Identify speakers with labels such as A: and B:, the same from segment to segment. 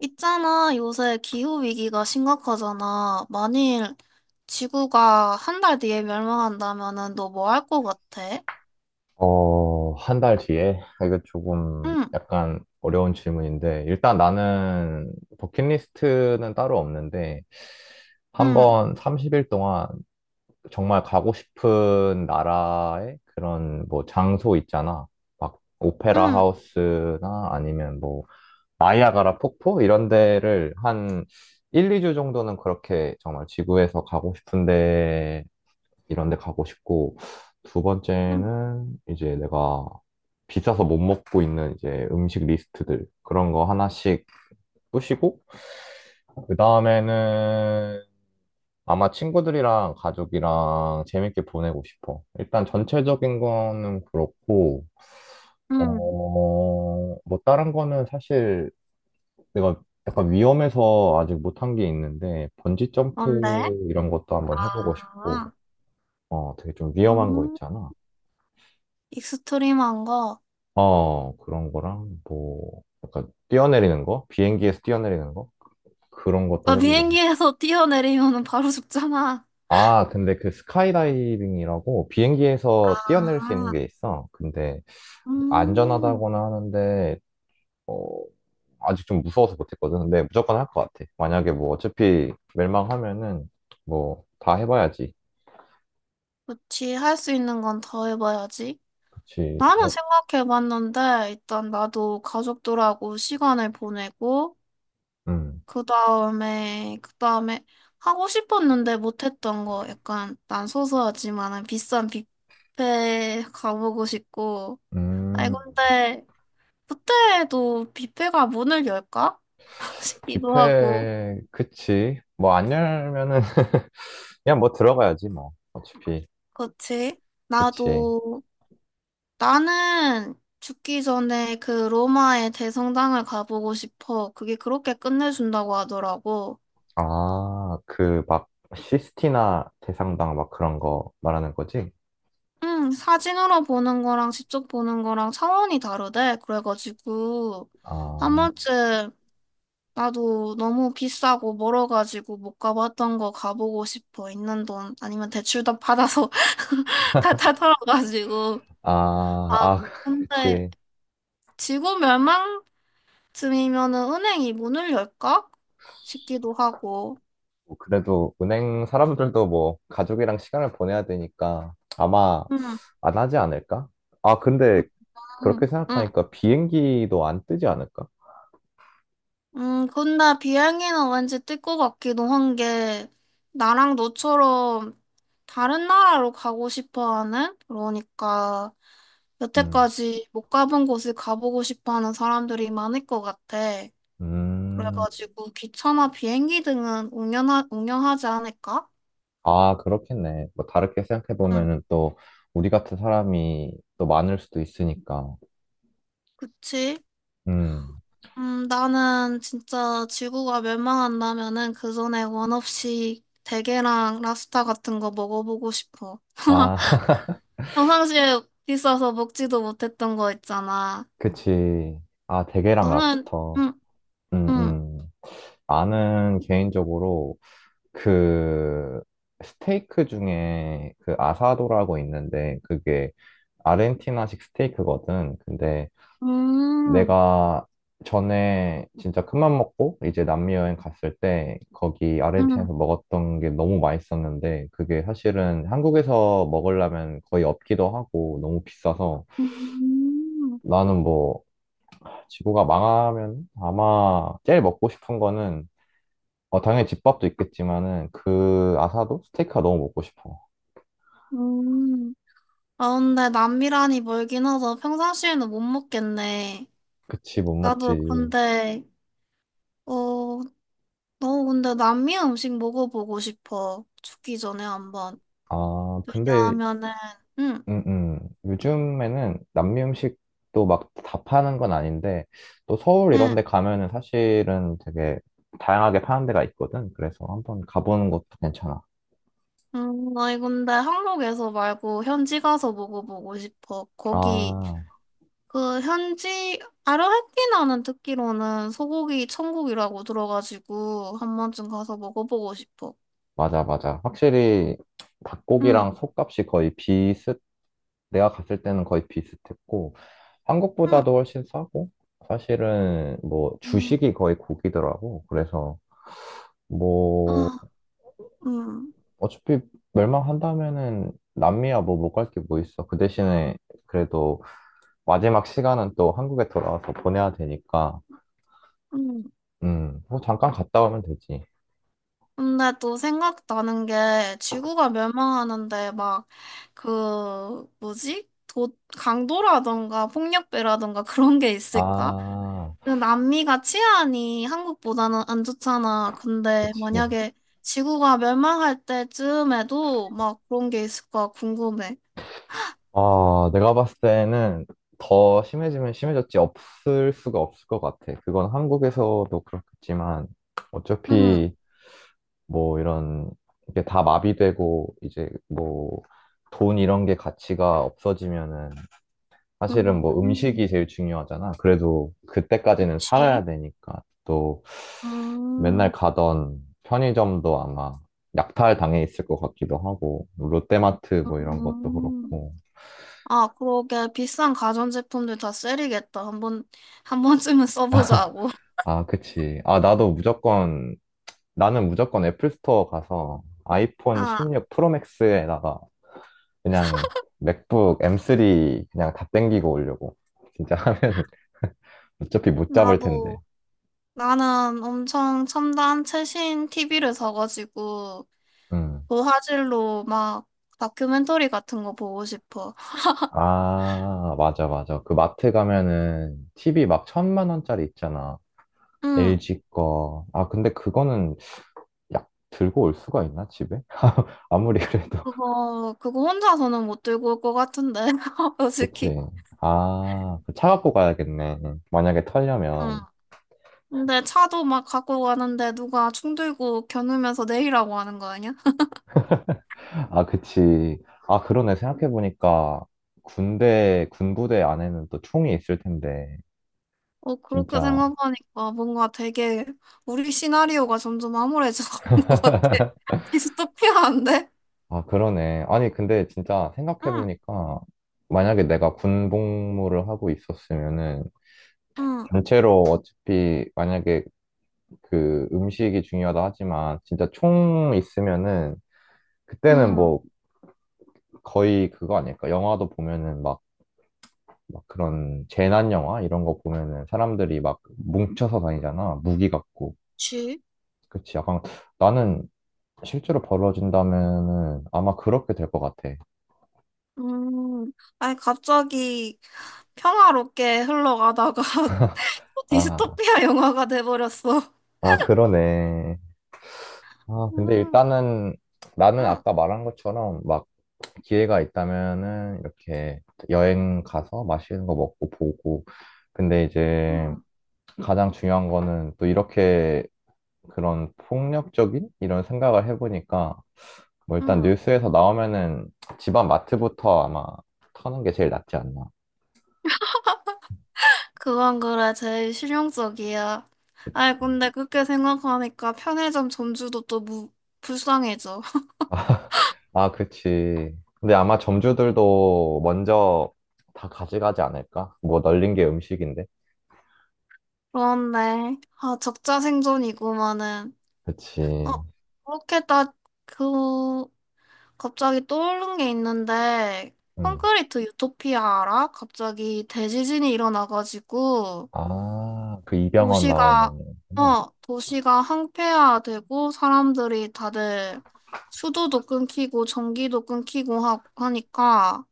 A: 있잖아, 요새 기후위기가 심각하잖아. 만일 지구가 한 달 뒤에 멸망한다면은 너 뭐 할 것 같아?
B: 어, 한 달 뒤에? 아, 이거 조금
A: 응,
B: 약간 어려운 질문인데, 일단 나는 버킷리스트는 따로 없는데, 한
A: 응,
B: 번 30일 동안 정말 가고 싶은 나라의 그런 뭐 장소 있잖아. 막 오페라
A: 응,
B: 하우스나 아니면 뭐 나이아가라 폭포 이런 데를 한 1, 2주 정도는 그렇게 정말 지구에서 가고 싶은데 이런 데 가고 싶고, 두
A: 응,
B: 번째는 이제 내가 비싸서 못 먹고 있는 이제 음식 리스트들, 그런 거 하나씩 꾸시고 그 다음에는 아마 친구들이랑 가족이랑 재밌게 보내고 싶어. 일단 전체적인 거는 그렇고, 어,
A: 응.
B: 뭐 다른 거는 사실 내가 약간 위험해서 아직 못 한 게 있는데, 번지 점프
A: 뭔데?
B: 이런 것도 한번 해보고
A: 아,
B: 싶고, 어, 되게 좀 위험한 거
A: 음,
B: 있잖아.
A: 익스트림한 거.
B: 어, 그런 거랑 뭐 약간 뛰어내리는 거? 비행기에서 뛰어내리는 거? 그런 것도
A: 아,
B: 해보고 싶어.
A: 비행기에서 뛰어내리면은 바로 죽잖아.
B: 아, 근데 그 스카이다이빙이라고 비행기에서 뛰어내릴 수 있는
A: 아,
B: 게 있어. 근데
A: 음,
B: 안전하다고는 하는데 어, 아직 좀 무서워서 못했거든. 근데 무조건 할 것 같아. 만약에 뭐 어차피 멸망하면은 뭐 다 해봐야지.
A: 그치. 할 수 있는 건 더 해봐야지.
B: 그치.
A: 나는
B: 뭐,
A: 생각해봤는데, 일단 나도 가족들하고 시간을 보내고,
B: 음,
A: 그 다음에 하고 싶었는데 못했던 거 약간 난 소소하지만은 비싼 뷔페 가보고 싶고. 아니,
B: 음,
A: 근데 그때도 뷔페가 문을 열까? 싶기도 하고.
B: 뷔페, 그치. 뭐 안 열면은 그냥 뭐 들어가야지 뭐. 어차피.
A: 그치?
B: 그치.
A: 나도, 나는 죽기 전에 그 로마의 대성당을 가보고 싶어. 그게 그렇게 끝내준다고 하더라고.
B: 아, 그 막 시스티나 대상당 막 그런 거 말하는 거지?
A: 응, 사진으로 보는 거랑 직접 보는 거랑 차원이 다르대. 그래가지고, 한
B: 아,
A: 번쯤 나도 너무 비싸고 멀어가지고 못 가봤던 거 가보고 싶어. 있는 돈, 아니면 대출도 받아서 다 털어가지고.
B: 아,
A: 아,
B: 아,
A: 근데
B: 그치.
A: 지구 멸망쯤이면은 은행이 문을 열까? 싶기도 하고.
B: 뭐 그래도 은행 사람들도 뭐 가족이랑 시간을 보내야 되니까 아마
A: 응,
B: 안 하지 않을까? 아, 근데 그렇게
A: 응, 응.
B: 생각하니까 비행기도 안 뜨지 않을까?
A: 근데 비행기는 왠지 뜰 것 같기도 한 게, 나랑 너처럼 다른 나라로 가고 싶어 하는, 그러니까
B: 음,
A: 여태까지 못 가본 곳을 가보고 싶어 하는 사람들이 많을 것 같아.
B: 음,
A: 그래가지고 기차나 비행기 등은 운영하지 않을까?
B: 아, 그렇겠네. 뭐 다르게 생각해
A: 응,
B: 보면은 또 우리 같은 사람이 또 많을 수도 있으니까.
A: 그치.
B: 음,
A: 나는 진짜 지구가 멸망한다면은 그 전에 원 없이 대게랑 랍스터 같은 거 먹어보고 싶어.
B: 아.
A: 평상시에 비싸서 먹지도 못했던 거 있잖아.
B: 그치. 아, 대게랑
A: 너는,
B: 랍스터.
A: 응,
B: 음,
A: 응,
B: 음. 나는 개인적으로 그 스테이크 중에 그 아사도라고 있는데 그게 아르헨티나식 스테이크거든. 근데
A: 음,
B: 내가 전에 진짜 큰맘 먹고 이제 남미 여행 갔을 때 거기
A: 음.
B: 아르헨티나에서 먹었던 게 너무 맛있었는데 그게 사실은 한국에서 먹으려면 거의 없기도 하고 너무 비싸서
A: 음,
B: 나는 뭐 지구가 망하면 아마 제일 먹고 싶은 거는 어, 당연히 집밥도 있겠지만은 그 아사도 스테이크가 너무 먹고 싶어.
A: 음. 아, 근데 남미란이 멀긴 해서 평상시에는 못 먹겠네.
B: 그치 못 먹지.
A: 나도 근데, 어, 너 근데 남미 음식 먹어보고 싶어. 죽기 전에 한번.
B: 아 근데
A: 왜냐하면은, 응,
B: 음, 음. 요즘에는 남미 음식도 막 다 파는 건 아닌데 또 서울 이런
A: 응,
B: 데 가면은 사실은 되게 다양하게 파는 데가 있거든. 그래서 한번 가보는 것도 괜찮아.
A: 나나 근데 한국에서 말고 현지 가서 먹어보고 싶어. 거기,
B: 아
A: 그 현지, 아르헨티나는 듣기로는 소고기 천국이라고 들어가지고 한 번쯤 가서 먹어보고 싶어.
B: 맞아 맞아. 확실히
A: 응,
B: 닭고기랑 속값이 거의 비슷 내가 갔을 때는 거의 비슷했고, 한국보다도
A: 응.
B: 훨씬 싸고, 사실은 뭐
A: 응.
B: 주식이 거의 고기더라고. 그래서 뭐
A: 아, 음,
B: 어차피 멸망한다면은 남미야 뭐 못 갈 게 뭐 있어. 그 대신에 그래도 마지막 시간은 또 한국에 돌아와서 보내야 되니까,
A: 음.
B: 뭐 잠깐 갔다 오면 되지.
A: 근데 또 생각나는 게 지구가 멸망하는데 막 그 뭐지? 도, 강도라던가 폭력배라던가 그런 게 있을까?
B: 아,
A: 그 남미가 치안이 한국보다는 안 좋잖아. 근데
B: 그치.
A: 만약에 지구가 멸망할 때쯤에도 막 그런 게 있을까 궁금해.
B: 아, 내가 봤을 때는 더 심해지면 심해졌지 없을 수가 없을 것 같아. 그건 한국에서도 그렇겠지만
A: 응,
B: 어차피 뭐 이런 이게 다 마비되고 이제 뭐 돈 이런 게 가치가 없어지면은 사실은 뭐
A: 음,
B: 음식이 제일 중요하잖아. 그래도 그때까지는 살아야
A: 그치?
B: 되니까 또 맨날
A: 음,
B: 가던 편의점도 아마 약탈 당해 있을 것 같기도 하고 뭐 롯데마트 뭐 이런 것도
A: 음.
B: 그렇고
A: 아, 그러게. 비싼 가전제품들 다 셀이겠다. 한번, 한 번쯤은 써보자고.
B: 아, 그치. 아, 나도 무조건, 나는 무조건 애플 스토어 가서 아이폰
A: 아,
B: 16 프로 맥스에다가 그냥 맥북 M3 그냥 다 땡기고 오려고. 진짜 하면은 어차피 못 잡을 텐데.
A: 나도, 나는 엄청 첨단 최신 TV를 사가지고,
B: 음.
A: 고화질로 막 다큐멘터리 같은 거 보고 싶어.
B: 아, 맞아, 맞아. 그 마트 가면은 TV 막 1,000만 원짜리 있잖아.
A: 응,
B: LG 거. 아, 근데 그거는 약 들고 올 수가 있나, 집에? 아무리 그래도.
A: 그거 혼자서는 못 들고 올 것 같은데,
B: 그치.
A: 솔직히.
B: 아, 차 갖고 가야겠네. 만약에
A: 응.
B: 털려면.
A: 근데 차도 막 갖고 가는데 누가 충 들고 겨누면서 내리라고 하는 거 아니야?
B: 아, 그치. 아, 그러네. 생각해보니까 군대, 군부대 안에는 또 총이 있을 텐데.
A: 어, 그렇게
B: 진짜.
A: 생각하니까 뭔가 되게 우리 시나리오가 점점 암울해져 가는 것 같아. 디스토피아인데?
B: 아, 그러네. 아니, 근데 진짜
A: 응,
B: 생각해보니까 만약에 내가 군복무를 하고 있었으면은
A: 응,
B: 단체로 어차피 만약에 그 음식이 중요하다 하지만 진짜 총 있으면은 그때는
A: 응.
B: 뭐 거의 그거 아닐까? 영화도 보면은 막 그런 재난 영화 이런 거 보면은 사람들이 막 뭉쳐서 다니잖아. 무기 갖고.
A: 그치?
B: 그치. 약간 나는 실제로 벌어진다면은 아마 그렇게 될 것 같아.
A: 음, 아니, 갑자기 평화롭게 흘러가다가 또
B: 아,
A: 디스토피아 영화가 돼버렸어.
B: 아, 그러네. 아, 근데
A: 음,
B: 일단은 나는 아까
A: 응,
B: 말한 것처럼 막 기회가 있다면은 이렇게 여행 가서 맛있는 거 먹고 보고. 근데 이제
A: 응,
B: 가장 중요한 거는 또 이렇게 그런 폭력적인 이런 생각을 해보니까 뭐 일단
A: 응.
B: 뉴스에서 나오면은 집안 마트부터 아마 터는 게 제일 낫지 않나.
A: 그건 그래, 제일 실용적이야.
B: 그치?
A: 아니, 근데 그렇게 생각하니까 편의점 점주도 또 불쌍해져.
B: 아, 그치. 근데 아마 점주들도 먼저 다 가져가지 않을까? 뭐 널린 게 음식인데.
A: 그런데, 아, 적자생존이구만은. 어,
B: 그치.
A: 그렇게 딱, 그, 갑자기 떠오른 게 있는데,
B: 음.
A: 콘크리트 유토피아 알아? 갑자기 대지진이 일어나가지고,
B: 아, 그 이병헌 나오는
A: 도시가,
B: 거구나.
A: 어, 도시가 항폐화되고, 사람들이 다들 수도도 끊기고, 전기도 끊기고 하니까,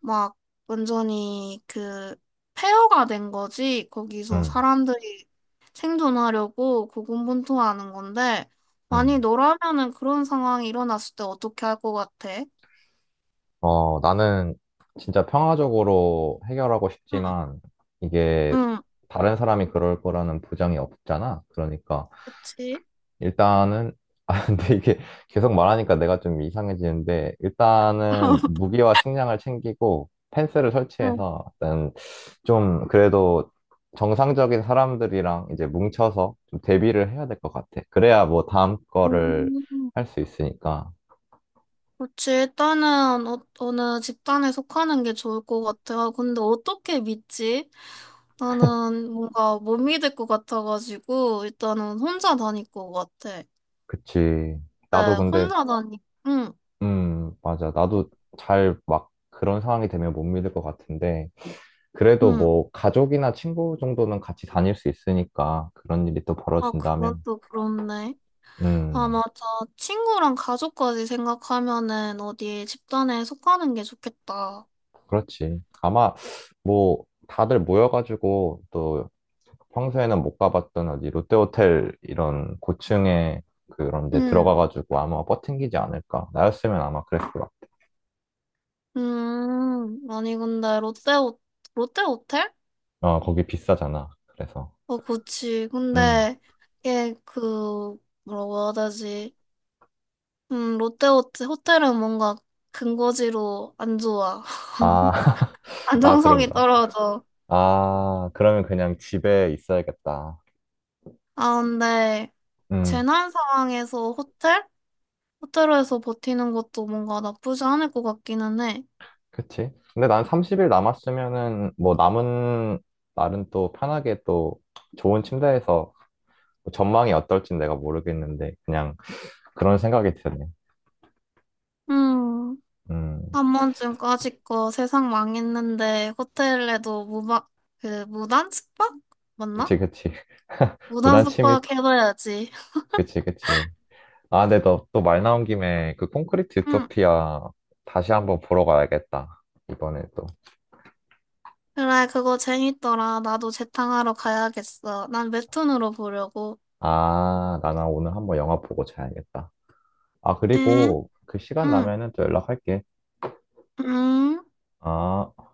A: 막 완전히 그 폐허가 된 거지. 거기서
B: 음,
A: 사람들이 생존하려고 고군분투하는 건데, 만약
B: 음.
A: 너라면은 그런 상황이 일어났을 때 어떻게 할 것 같아?
B: 어, 나는 진짜 평화적으로 해결하고
A: 응,
B: 싶지만 이게
A: 응,
B: 다른 사람이 그럴 거라는 보장이 없잖아. 그러니까.
A: 그치?
B: 일단은, 아, 근데 이게 계속 말하니까 내가 좀 이상해지는데, 일단은 무기와 식량을 챙기고 펜스를
A: 응.
B: 설치해서 일단 좀 그래도 정상적인 사람들이랑 이제 뭉쳐서 좀 대비를 해야 될 것 같아. 그래야 뭐 다음 거를 할
A: 음,
B: 수 있으니까.
A: 그치. 일단은 어, 어느 집단에 속하는 게 좋을 것 같아요. 근데 어떻게 믿지? 나는 뭔가 못 믿을 것 같아가지고 일단은 혼자 다닐 것 같아.
B: 그치.
A: 네,
B: 나도 근데
A: 혼자 다니. 응.
B: 맞아. 나도 잘 막 그런 상황이 되면 못 믿을 것 같은데, 그래도
A: 응.
B: 뭐 가족이나 친구 정도는 같이 다닐 수 있으니까 그런 일이 또
A: 아, 그건
B: 벌어진다면,
A: 또 그렇네. 아,
B: 음,
A: 맞아. 친구랑 가족까지 생각하면은 어디 집단에 속하는 게 좋겠다.
B: 그렇지. 아마 뭐 다들 모여가지고 또 평소에는 못 가봤던 어디 롯데호텔 이런 고층에 그런 데
A: 응.
B: 들어가가지고 아마 버팅기지 않을까. 나였으면 아마 그랬을 것 같아.
A: 아니, 근데 롯데, 호- 롯데 호텔?
B: 어, 거기 비싸잖아. 그래서,
A: 어, 그치.
B: 음.
A: 근데, 이게 그, 뭐라고 해야 되지? 롯데 호텔, 호텔은 뭔가 근거지로 안 좋아.
B: 아, 아,
A: 안정성이
B: 그런가.
A: 떨어져.
B: 아, 그러면 그냥 집에 있어야겠다.
A: 아, 근데,
B: 음,
A: 재난 상황에서 호텔? 호텔에서 버티는 것도 뭔가 나쁘지 않을 것 같기는 해.
B: 그치. 근데 난 30일 남았으면은 뭐 남은 날은 또 편하게 또 좋은 침대에서 뭐 전망이 어떨진 내가 모르겠는데 그냥 그런 생각이 드네.
A: 음,
B: 음,
A: 한 번쯤 까짓거 세상 망했는데 호텔에도 무박, 그, 무단 숙박? 맞나?
B: 그치, 그치.
A: 무단
B: 무단 침입?
A: 숙박 해봐야지.
B: 그치, 그치. 아, 근데 너 또 말 나온 김에 그 콘크리트
A: 음,
B: 유토피아 다시 한번 보러 가야겠다. 이번에 또.
A: 그래, 그거 재밌더라. 나도 재탕하러 가야겠어. 난 웹툰으로 보려고.
B: 아, 나나 오늘 한번 영화 보고 자야겠다. 아,
A: 응,
B: 그리고 그 시간
A: 응,
B: 나면은 또 연락할게.
A: 응.
B: 아.